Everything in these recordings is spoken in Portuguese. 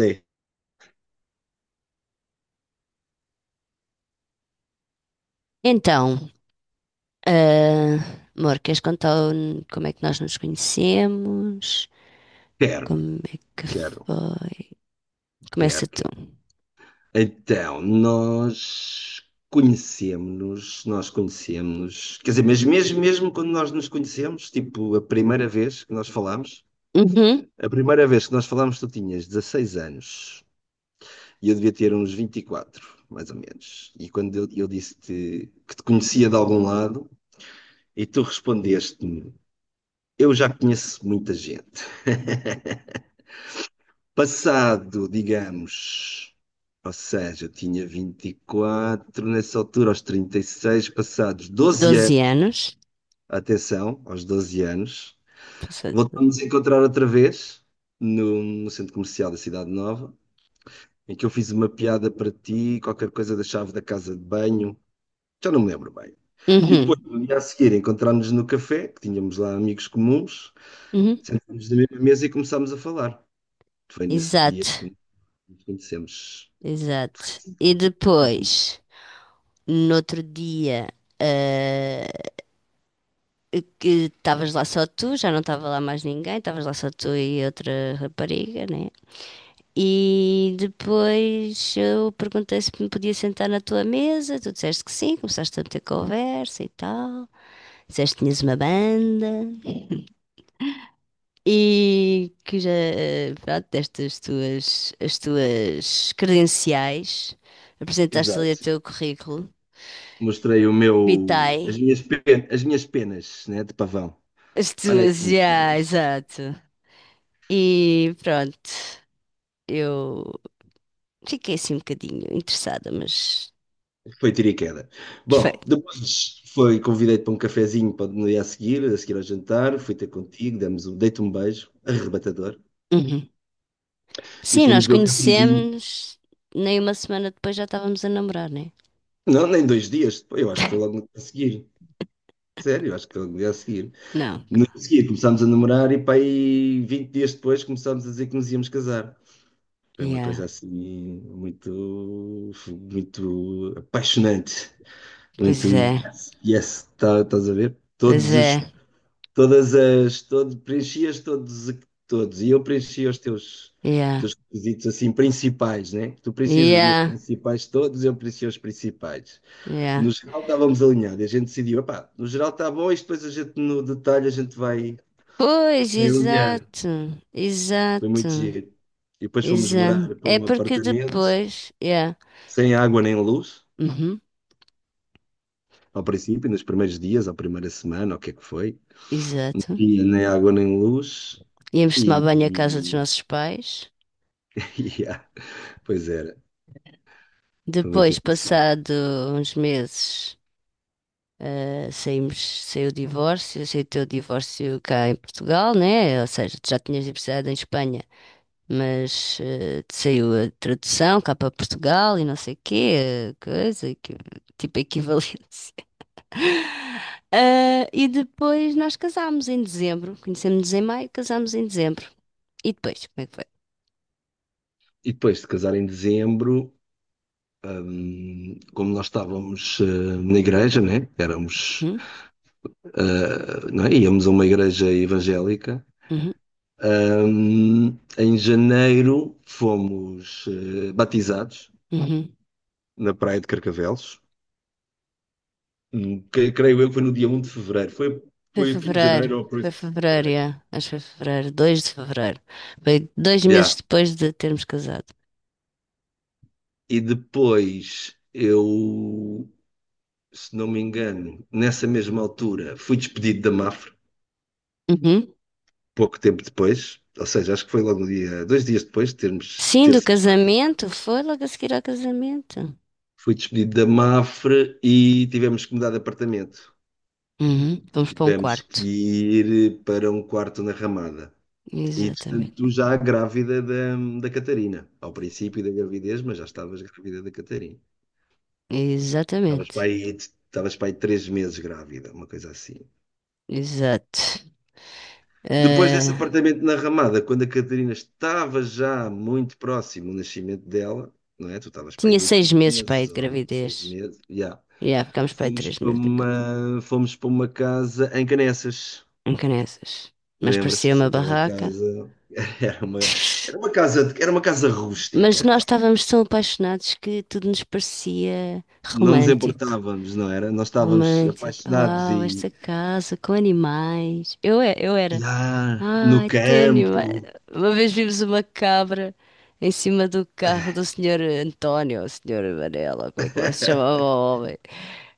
Lê. Então, ah, amor, queres contar como é que nós nos conhecemos? Quero, Como é que quero, foi? Começa tu. quero. Então, nós conhecemos-nos, nós conhecemos, quer dizer, mas mesmo, mesmo quando nós nos conhecemos, tipo, Uhum. a primeira vez que nós falámos, tu tinhas 16 anos e eu devia ter uns 24, mais ou menos. E quando eu disse-te que te conhecia de algum lado, e tu respondeste-me, eu já conheço muita gente. Passado, digamos, ou seja, eu tinha 24 nessa altura, aos 36, passados doze 12 anos, anos. atenção, aos doze anos, Passou de. voltamos a encontrar outra vez no centro comercial da Cidade Nova, em que eu fiz uma piada para ti, qualquer coisa da chave da casa de banho, já não me lembro bem. E depois, Uhum. no dia a seguir, encontrámos-nos no café, que tínhamos lá amigos comuns, Uhum. sentámos na mesma mesa e começámos a falar. Foi nesse dia Exato, que nos conhecemos. exato. E depois, no outro dia, ah, que estavas lá só tu, já não estava lá mais ninguém, estavas lá só tu e outra rapariga, né? E depois eu perguntei se me podia sentar na tua mesa, tu disseste que sim, começaste a ter conversa e tal, disseste que tinhas uma banda e que já, pronto, deste as tuas credenciais, apresentaste ali o Exato. teu currículo, Mostrei as vitae, minhas, as minhas penas, né, de pavão. as Olha aí tuas, as minhas já, penas. exato. E pronto, eu fiquei assim um bocadinho interessada, mas Foi tiro e queda. foi. Bom, convidei-te para um cafezinho para no dia a seguir ao jantar, fui ter contigo, dei-te um beijo, arrebatador, e Sim, fomos nós beber o cafezinho. conhecemos, nem uma semana depois já estávamos a namorar, né? Não, nem dois dias depois, eu acho que foi logo no dia a seguir. Sério, eu acho que foi logo no dia a seguir. Não. No dia a seguir começámos a namorar e para aí 20 dias depois começámos a dizer que nos íamos casar. Foi uma Yeah. coisa assim muito, muito apaixonante, Pois muito é. yes, yes, estás a ver? Pois Todos os, é. todas as, todo, preenchias todos, e eu preenchia Yeah. teus requisitos assim principais, né? Tu precisas os meus Yeah. principais todos, eu preenchia os principais. No Yeah. geral estávamos alinhados, a gente decidiu, epá, no geral está bom, e depois a gente no detalhe a gente Pois, vai alinhando. exato. Foi Exato. muito giro. E depois fomos Exato. morar para É um porque apartamento depois. Yeah. sem água nem luz. Uhum. Ao princípio, nos primeiros dias, à primeira semana, o que é que foi, Exato. e nem água nem luz, Íamos tomar e, banho à casa dos e, nossos pais. e pois era, foi muito Depois, engraçado. passado uns meses. Saímos, saiu o divórcio, aceitou o divórcio cá em Portugal, né? Ou seja, tu já tinhas divorciado em Espanha, mas saiu a tradução cá para Portugal e não sei o quê, coisa, tipo equivalência. Ah, e depois nós casámos em dezembro, conhecemos-nos em maio, casámos em dezembro. E depois, como é que foi? E depois de casar em dezembro, como nós estávamos na igreja, né? Éramos, Hum? Não é? Íamos a uma igreja evangélica. Uhum, Hum, em janeiro fomos batizados uhum. na Praia de Carcavelos. Creio eu que foi no dia um de fevereiro. Foi fim de janeiro ou por Foi isso de fevereiro, fevereiro. yeah. Acho que foi fevereiro, 2 de fevereiro. Foi dois meses Já. depois de termos casado. E depois eu, se não me engano, nessa mesma altura fui despedido da Mafre Uhum. pouco tempo depois, ou seja, acho que foi logo no dia, dois dias depois de Sim, ter do sido batido. casamento. Foi logo a seguir ao casamento. Fui despedido da Mafre e tivemos que mudar de apartamento. Uhum. Vamos para um Tivemos que quarto. ir para um quarto na Ramada. E Exatamente. entretanto, já da Catarina, ao princípio da gravidez, mas já estavas grávida da Catarina. Exatamente. Estavas para aí três meses grávida, uma coisa assim. Exato. Depois desse Ah, apartamento na Ramada, quando a Catarina estava já muito próximo do nascimento dela, não é? Tu estavas pai tinha de oito seis meses para aí meses de ou seis gravidez. meses, já. E yeah, ficámos para aí três meses em Fomos para uma casa em Canessas. em Caneças. Mas parecia Lembras-te uma daquela barraca. casa? Era uma, era uma casa Mas rústica. nós Vá. estávamos tão apaixonados que tudo nos parecia Não nos romântico. importávamos, não era? Nós estávamos Romântico. apaixonados Uau, e, esta casa com animais. Eu, eu era. No Ai, ténio. campo. Uma vez vimos uma cabra em cima do carro do senhor António, ou senhor Varela, ou como é que lá se chamava o homem.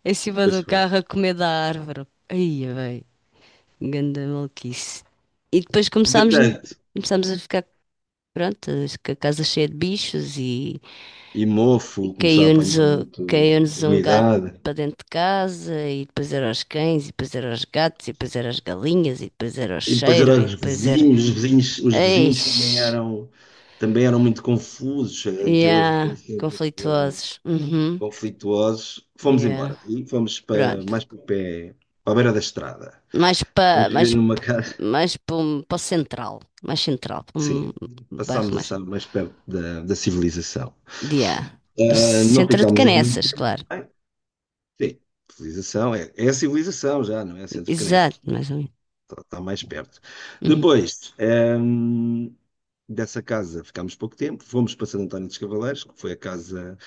Em cima Pois do foi. carro a comer da árvore. Aí, bem, ganda maluquice. E depois começámos, Entretanto, começámos a ficar, pronto, com a casa cheia de bichos e e mofo, começou a apanhar muito caiu-nos um gato umidade. para dentro de casa e depois eram os cães e depois eram os gatos e depois eram as galinhas e depois era o E depois cheiro eram e os depois era... vizinhos, os vizinhos, os vizinhos, Eish. Também eram muito confusos, aquilo Yeah, ali sempre era conflituosos. Uhum. conflituosos. Fomos Yeah. embora, e fomos para, Pronto. mais para o pé, para a beira da estrada. Mais Fomos para mais, viver numa casa, mais para o central, mais central, para um sim, bairro passámos a mais estar mais perto da civilização. yeah. Do Ah, não centro de ficámos aí muito Canessas, tempo, claro. bem, sim, civilização, é a civilização já, não é centro Exato, canense. mais ou menos. Está mais perto. Uhum. Depois, dessa casa ficámos pouco tempo, fomos para Santo António dos Cavaleiros, que foi a casa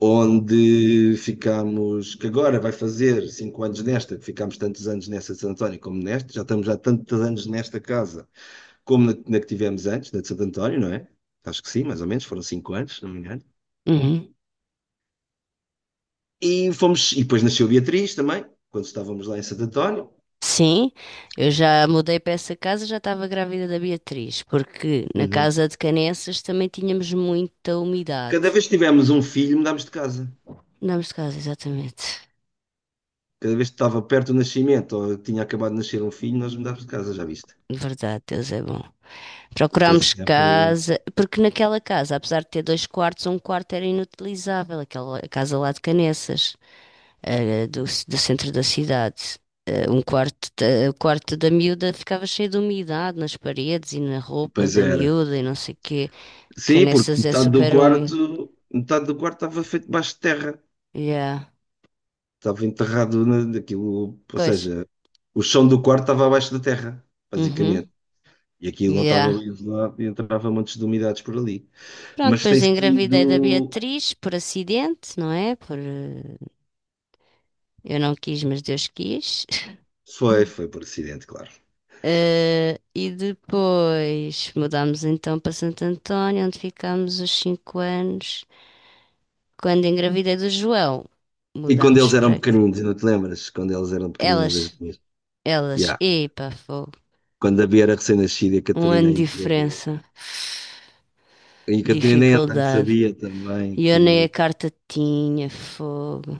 onde ficámos, que agora vai fazer cinco anos nesta, que ficámos tantos anos nessa de Santo António como nesta, já estamos há tantos anos nesta casa como na que tivemos antes, na de Santo António, não é? Acho que sim, mais ou menos, foram cinco anos, se não me engano. Uhum. E depois nasceu Beatriz também, quando estávamos lá em Santo António. Sim, eu já mudei para essa casa, já estava grávida da Beatriz, porque na Uhum. casa de Canessas também tínhamos muita Cada umidade. vez que tivemos um filho, mudámos de casa. Andámos de casa, exatamente. Cada vez que estava perto do nascimento ou tinha acabado de nascer um filho, nós mudávamos de casa, já viste? Verdade, Deus é bom. Foi Procurámos sempre. casa, porque naquela casa, apesar de ter dois quartos, um quarto era inutilizável, aquela casa lá de Canessas, do centro da cidade. Um quarto, o quarto da miúda ficava cheio de umidade nas paredes e na roupa Pois da era. miúda e não sei o quê. Sim, porque Canessas é super úmido. metade do quarto estava feito debaixo de terra. Yeah. Estava enterrado naquilo, ou Pois. seja, o chão do quarto estava abaixo da terra, Uhum. basicamente. E aquilo não estava Yeah. bem isolado e entrava montes de umidades por ali. Pronto, Mas depois tem engravidei da sido. Beatriz por acidente, não é? Por, eu não quis, mas Deus quis. Foi por acidente, claro. E depois mudámos então para Santo António, onde ficámos os cinco anos. Quando engravidei do João, E quando mudámos eles eram para aqui. pequeninos, não te lembras? Quando eles eram pequeninos, as Elas, duas. elas, Ya. epa, fogo. Quando a Bia era recém-nascida e a Um ano Catarina de ainda bebê. diferença, E a Catarina nem andar dificuldade. sabia também E eu nem a aquilo. carta tinha, fogo.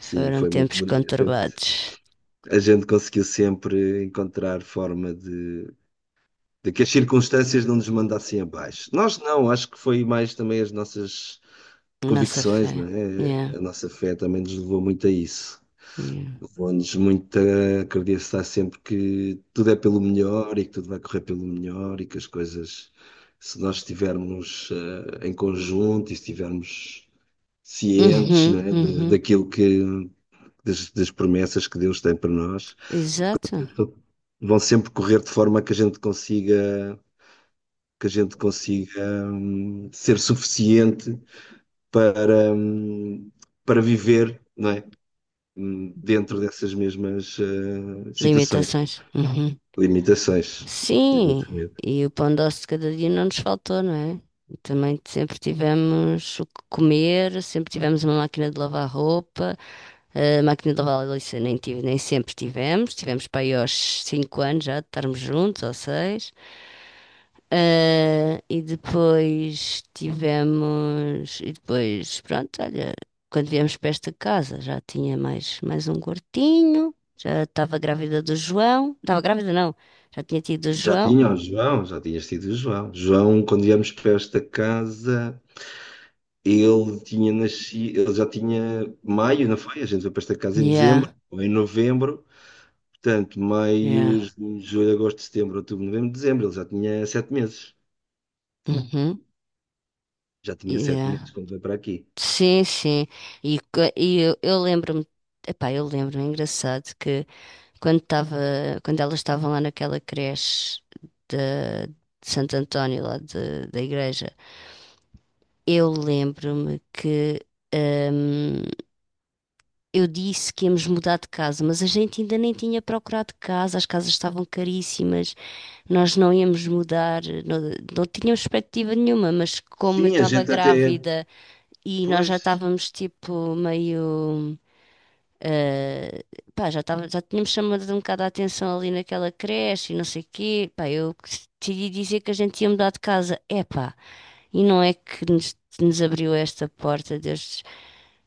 Sim, Foram foi muito tempos bonito. Conturbados. A gente conseguiu sempre encontrar forma de que as circunstâncias não nos mandassem abaixo. Nós não, acho que foi mais também as nossas A nossa fé. convicções, não Yeah, é? A nossa fé também nos levou muito a isso. yeah. Levou-nos muito a acreditar sempre que tudo é pelo melhor e que tudo vai correr pelo melhor e que as coisas, se nós estivermos em conjunto e estivermos cientes, Uhum, né, uhum. daquilo que, das promessas que Deus tem para nós, Exato. vão sempre correr de forma que que a gente consiga, ser suficiente para, hum, para viver, não é? Dentro dessas mesmas situações. Limitações. Uhum. Limitações, Sim, exatamente. e o pão doce de cada dia não nos faltou, não é? E também sempre tivemos o que comer, sempre tivemos uma máquina de lavar roupa, a máquina de lavar louça nem tive, nem sempre tivemos, tivemos para aí aos 5 anos já de estarmos juntos, ou 6. E depois tivemos, e depois, pronto, olha, quando viemos para esta casa já tinha mais, mais um gordinho, já estava grávida do João, estava grávida não, já tinha tido o Já João. tinha o João, já tinhas tido o João. João, quando íamos para esta casa, ele tinha nascido, ele já tinha maio, não foi? A gente foi para esta casa em dezembro Yeah, ou em novembro. Portanto, yeah, maio, junho, julho, agosto, setembro, outubro, novembro, dezembro. Ele já tinha sete meses. uhum, Já tinha sete yeah. meses quando veio para aqui. Sim, sim. E, e eu lembro-me, epá, eu lembro-me, é engraçado, que quando estava, quando elas estavam lá naquela creche da- de, Santo António, da igreja, eu lembro-me que hum, eu disse que íamos mudar de casa, mas a gente ainda nem tinha procurado casa, as casas estavam caríssimas, nós não íamos mudar, não, não tínhamos perspectiva nenhuma, mas como eu Sim, a estava gente até. grávida. E nós já Pois. estávamos tipo meio. eh, já tínhamos chamado um bocado a atenção ali naquela creche e não sei o quê. Pá, eu decidi dizer que a gente ia mudar de casa. Epá, e não é que nos abriu esta porta, Deus,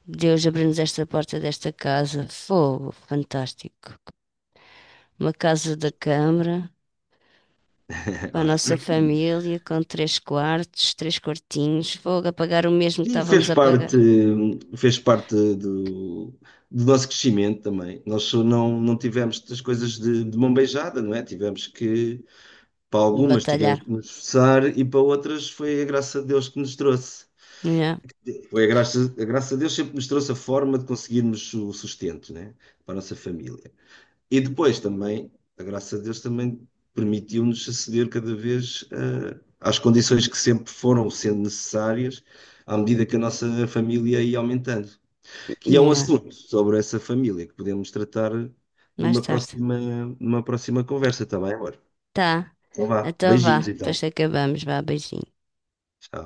Deus abriu-nos esta porta desta casa. Fogo, fantástico. Uma casa da Câmara. Para a nossa família, com três quartos, três quartinhos, fogo, a pagar o mesmo que Sim, estávamos a pagar. fez parte do nosso crescimento também. Nós só não, não tivemos as coisas de mão beijada, não é? Tivemos que, para algumas tivemos Batalhar. que nos esforçar e para outras foi a graça de Deus que nos trouxe. Yeah. Foi a graça de Deus sempre nos trouxe a forma de conseguirmos o sustento, né? Para a nossa família. E depois também, a graça de Deus também permitiu-nos aceder cada vez às condições que sempre foram sendo necessárias à medida que a nossa família ia aumentando. Que é um Yeah. assunto sobre essa família que podemos tratar Mais numa tarde. próxima, numa próxima conversa, está bem, amor? Tá. Então vá, Então vá. beijinhos então. Depois acabamos. Vá, beijinho. Tchau.